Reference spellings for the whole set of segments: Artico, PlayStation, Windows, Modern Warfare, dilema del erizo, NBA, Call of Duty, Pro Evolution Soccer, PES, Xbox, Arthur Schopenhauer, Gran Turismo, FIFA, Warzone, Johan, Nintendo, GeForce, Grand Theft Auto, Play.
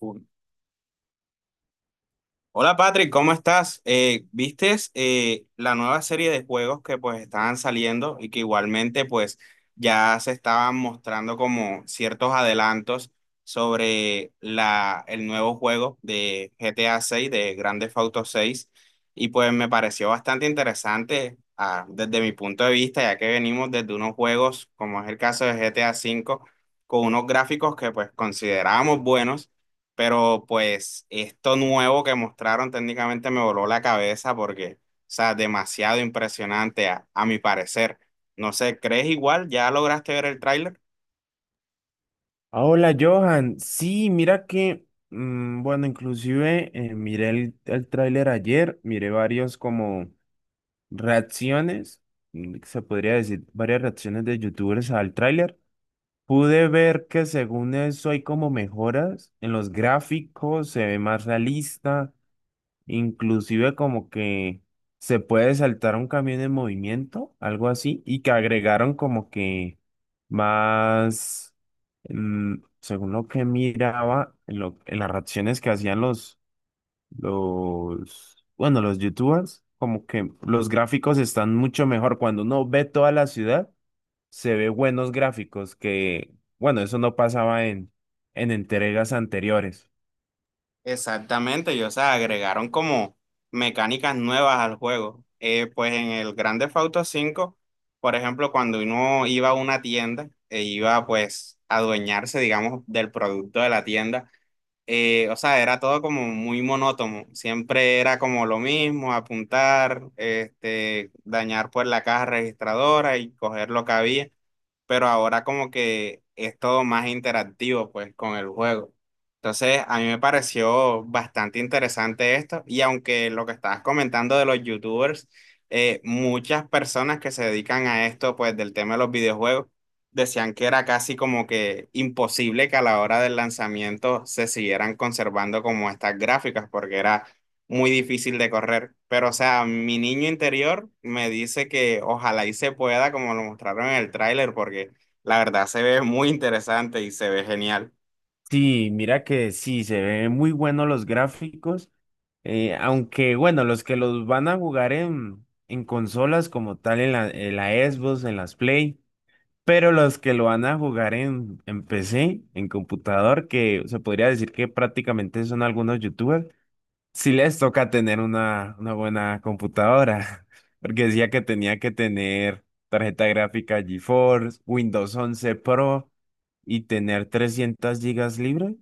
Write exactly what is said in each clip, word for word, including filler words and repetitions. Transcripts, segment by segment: Full. Hola Patrick, ¿cómo estás? Eh, ¿vistes eh, la nueva serie de juegos que pues estaban saliendo y que igualmente pues ya se estaban mostrando como ciertos adelantos sobre la, el nuevo juego de G T A seis de Grand Theft Auto seis y pues me pareció bastante interesante ah, desde mi punto de vista ya que venimos desde unos juegos como es el caso de G T A cinco con unos gráficos que pues considerábamos buenos, pero pues esto nuevo que mostraron técnicamente me voló la cabeza porque, o sea, demasiado impresionante a, a mi parecer. No sé, ¿crees igual? ¿Ya lograste ver el tráiler? Ah, hola Johan. Sí, mira que, mm, bueno, inclusive eh, miré el, el tráiler ayer, miré varios como reacciones. Mm, se podría decir varias reacciones de youtubers al tráiler. Pude ver que según eso hay como mejoras en los gráficos, se ve más realista, inclusive como que se puede saltar un camión en movimiento, algo así, y que agregaron como que más. mm, Según lo que miraba, en, lo- en las reacciones que hacían los, los, bueno, los youtubers, como que los gráficos están mucho mejor. Cuando uno ve toda la ciudad, se ve buenos gráficos que, bueno, eso no pasaba en, en entregas anteriores. Exactamente, y o sea, agregaron como mecánicas nuevas al juego. Eh, pues en el Grand Theft Auto cinco, por ejemplo, cuando uno iba a una tienda e iba pues a adueñarse, digamos, del producto de la tienda, eh, o sea, era todo como muy monótono. Siempre era como lo mismo, apuntar, este, dañar pues la caja registradora y coger lo que había, pero ahora como que es todo más interactivo pues con el juego. Entonces, a mí me pareció bastante interesante esto y aunque lo que estabas comentando de los youtubers, eh, muchas personas que se dedican a esto pues del tema de los videojuegos decían que era casi como que imposible que a la hora del lanzamiento se siguieran conservando como estas gráficas porque era muy difícil de correr. Pero, o sea, mi niño interior me dice que ojalá y se pueda, como lo mostraron en el tráiler, porque la verdad se ve muy interesante y se ve genial. Sí, mira que sí, se ven muy buenos los gráficos. Eh, aunque bueno, los que los van a jugar en, en consolas como tal, en la, en la Xbox, en las Play, pero los que lo van a jugar en, en P C, en computador, que se podría decir que prácticamente son algunos youtubers, si les toca tener una, una buena computadora. Porque decía que tenía que tener tarjeta gráfica GeForce, Windows once Pro y tener trescientas gigas libres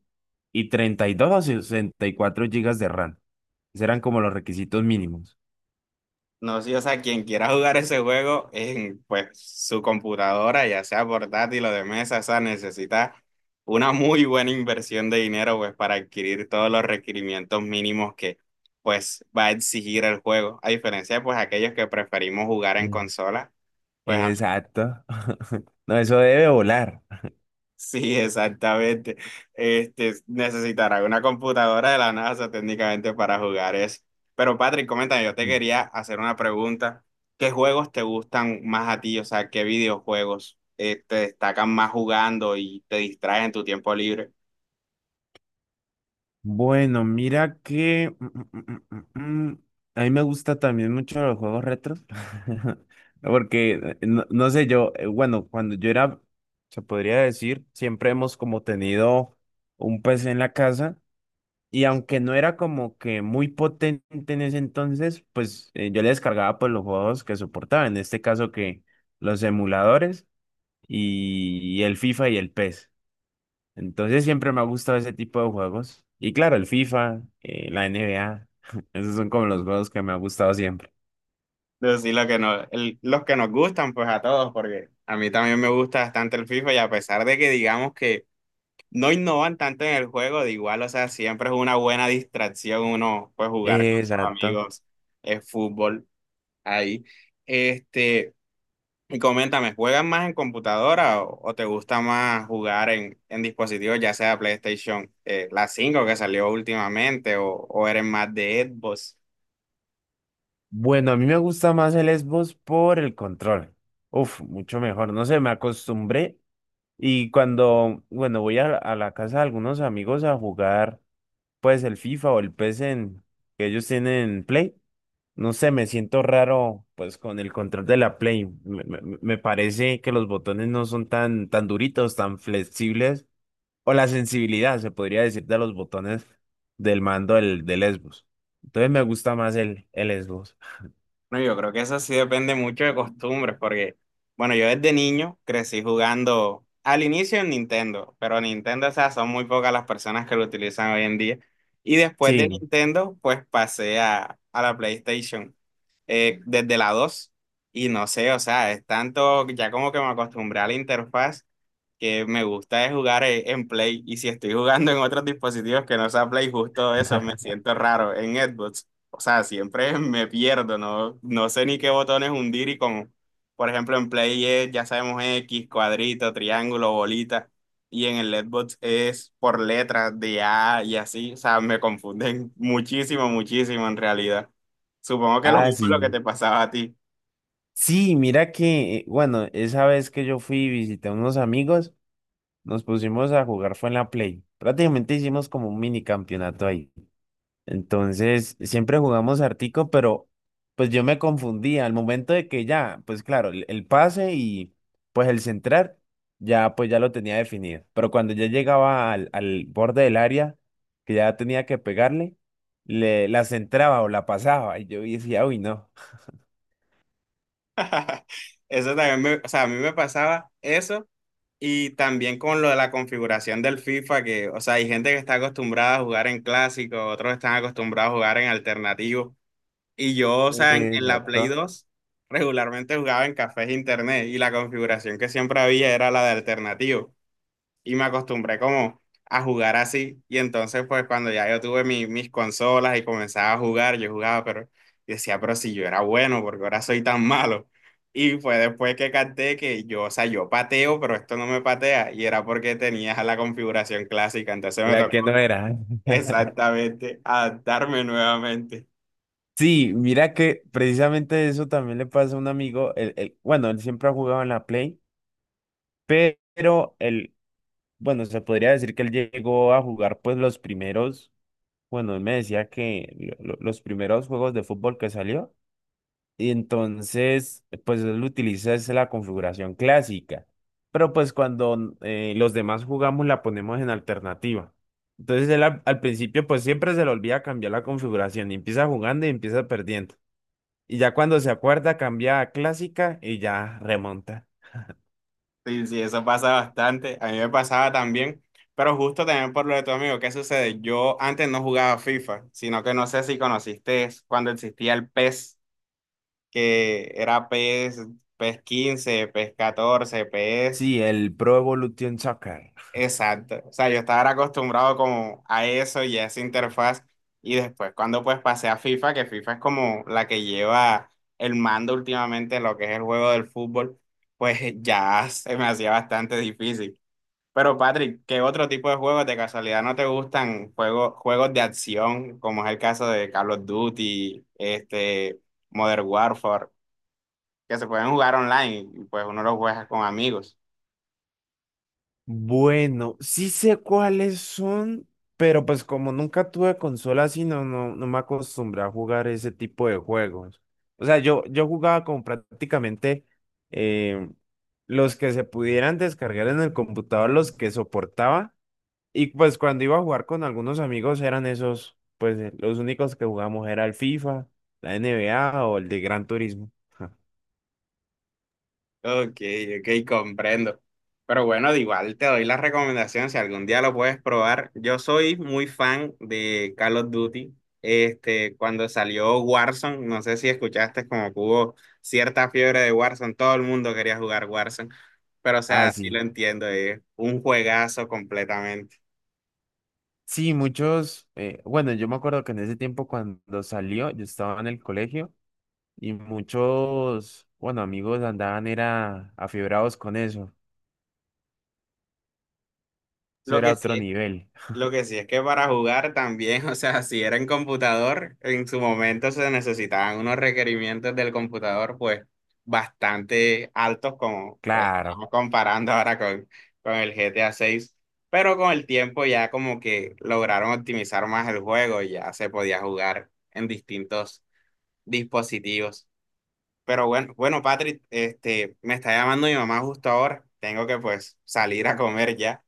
y treinta y dos o sesenta y cuatro gigas de RAM. Esos eran como los requisitos mínimos. No sé, o sea, quien quiera jugar ese juego en pues su computadora, ya sea portátil o de mesa, o sea, necesita una muy buena inversión de dinero pues para adquirir todos los requerimientos mínimos que pues va a exigir el juego, a diferencia de pues aquellos que preferimos jugar en Mm. consola pues. Exacto. No, eso debe volar. Sí, exactamente. Este, necesitará una computadora de la NASA técnicamente para jugar eso. Pero Patrick, coméntame, yo te quería hacer una pregunta. ¿Qué juegos te gustan más a ti? O sea, ¿qué videojuegos eh, te destacan más jugando y te distraen en tu tiempo libre? Bueno, mira que mm, mm, mm, mm, mm, a mí me gusta también mucho los juegos retros. Porque eh, no, no sé, yo, eh, bueno, cuando yo era, se podría decir, siempre hemos como tenido un P C en la casa y aunque no era como que muy potente en ese entonces, pues eh, yo le descargaba pues los juegos que soportaba, en este caso que los emuladores y, y el FIFA y el PES. Entonces siempre me ha gustado ese tipo de juegos. Y claro, el FIFA, eh, la N B A. Esos son como los juegos que me ha gustado siempre. Decir lo que no, el- los que nos gustan, pues a todos, porque a mí también me gusta bastante el FIFA y a pesar de que digamos que no innovan tanto en el juego, de igual, o sea, siempre es una buena distracción uno pues jugar con sus Exacto. amigos eh, fútbol ahí. Este, y coméntame, ¿juegan más en computadora o, o te gusta más jugar en, en dispositivos, ya sea PlayStation, eh, la cinco que salió últimamente, o, o eres más de Xbox? Bueno, a mí me gusta más el Xbox por el control. Uf, mucho mejor. No sé, me acostumbré. Y cuando, bueno, voy a, a la casa de algunos amigos a jugar, pues el FIFA o el PES en- que ellos tienen en Play. No sé, me siento raro pues con el control de la Play. Me, me- me parece que los botones no son tan, tan duritos, tan flexibles. O la sensibilidad, se podría decir, de los botones del mando del, del Xbox. Entonces me gusta más el, el Xbox. Bueno, yo creo que eso sí depende mucho de costumbres, porque, bueno, yo desde niño crecí jugando al inicio en Nintendo, pero Nintendo, o sea, son muy pocas las personas que lo utilizan hoy en día. Y después de Sí, Nintendo, pues pasé a, a la PlayStation, eh, desde la dos. Y no sé, o sea, es tanto, ya como que me acostumbré a la interfaz, que me gusta es jugar e- en Play. Y si estoy jugando en otros dispositivos que no sea Play, justo eso, me siento raro en Xbox. O sea, siempre me pierdo, ¿no? No sé ni qué botones hundir y con, por ejemplo, en Play es, ya sabemos X, cuadrito, triángulo, bolita, y en el Letbox es por letras de A y así, o sea, me confunden muchísimo, muchísimo en realidad. Supongo que lo ah, mismo es lo que sí. te pasaba a ti. Sí, mira que, eh, bueno, esa vez que yo fui y visité a unos amigos, nos pusimos a jugar fue en la Play. Prácticamente hicimos como un mini campeonato ahí. Entonces, siempre jugamos Artico, pero pues yo me confundía al momento de que ya, pues claro, el, el pase y pues el centrar, ya pues ya lo tenía definido. Pero cuando ya llegaba al, al borde del área, que ya tenía que pegarle, le, la centraba o la pasaba y yo decía, uy, no. Eso también me, o sea, a mí me pasaba eso y también con lo de la configuración del FIFA, que, o sea, hay gente que está acostumbrada a jugar en clásico, otros están acostumbrados a jugar en alternativo. Y yo, o sea, en, en la Play Exacto. dos regularmente jugaba en cafés e internet y la configuración que siempre había era la de alternativo. Y me acostumbré como a jugar así. Y entonces, pues cuando ya yo tuve mi- mis consolas y comenzaba a jugar, yo jugaba, pero decía, pero si yo era bueno, porque ahora soy tan malo. Y fue después que capté que yo, o sea, yo pateo, pero esto no me patea. Y era porque tenía la configuración clásica. Entonces me La tocó que no era. exactamente adaptarme nuevamente. Sí, mira que precisamente eso también le pasa a un amigo. El- el- bueno, él siempre ha jugado en la Play, pero él, bueno, se podría decir que él llegó a jugar pues los primeros, bueno, él me decía que lo- lo- los primeros juegos de fútbol que salió, y entonces pues él utiliza es la configuración clásica, pero pues cuando eh, los demás jugamos la ponemos en alternativa. Entonces él al, al principio pues siempre se le olvida cambiar la configuración y empieza jugando y empieza perdiendo. Y ya cuando se acuerda cambia a clásica y ya remonta. Sí, sí, eso pasa bastante. A mí me pasaba también, pero justo también por lo de tu amigo, ¿qué sucede? Yo antes no jugaba FIFA, sino que no sé si conociste cuando existía el PES, que era PES, PES quince, PES catorce, PES, Sí, el Pro Evolution Soccer. exacto. O sea, yo estaba era acostumbrado como a eso y a esa interfaz. Y después cuando pues pasé a FIFA, que FIFA es como la que lleva el mando últimamente, en lo que es el juego del fútbol, pues ya se me hacía bastante difícil. Pero Patrick, ¿qué otro tipo de juegos de casualidad no te gustan? Juegos, juegos de acción, como es el caso de Call of Duty, este, Modern Warfare, que se pueden jugar online y pues uno los juega con amigos. Bueno, sí sé cuáles son, pero pues como nunca tuve consola así, no, no, no me acostumbré a jugar ese tipo de juegos. O sea, yo, yo jugaba como prácticamente eh, los que se pudieran descargar en el computador, los que soportaba. Y pues cuando iba a jugar con algunos amigos eran esos, pues eh, los únicos que jugamos era el FIFA, la N B A o el de Gran Turismo. Ok, ok, comprendo. Pero bueno, de igual te doy la recomendación si algún día lo puedes probar. Yo soy muy fan de Call of Duty. Este, cuando salió Warzone, no sé si escuchaste como que hubo cierta fiebre de Warzone, todo el mundo quería jugar Warzone. Pero o Ah, sea, sí sí. lo entiendo, es un juegazo completamente. Sí, muchos, eh, bueno, yo me acuerdo que en ese tiempo cuando salió, yo estaba en el colegio y muchos, bueno, amigos andaban era afibrados con eso. Eso Lo era que otro sí nivel. Lo que sí es que para jugar también, o sea, si era en computador, en su momento se necesitaban unos requerimientos del computador, pues, bastante altos, como pues, Claro. estamos comparando ahora con, con el G T A seis, pero con el tiempo ya como que lograron optimizar más el juego, y ya se podía jugar en distintos dispositivos. Pero bueno, bueno, Patrick, este, me está llamando mi mamá justo ahora, tengo que pues salir a comer ya.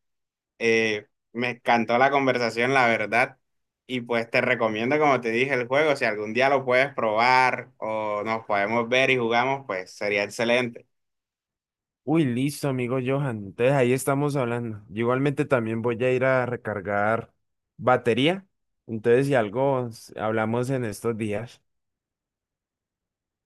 Eh, me encantó la conversación, la verdad. Y pues te recomiendo, como te dije, el juego. Si algún día lo puedes probar o nos podemos ver y jugamos, pues sería excelente. Uy, listo, amigo Johan. Entonces ahí estamos hablando. Yo igualmente también voy a ir a recargar batería. Entonces, si algo, s- hablamos en estos días.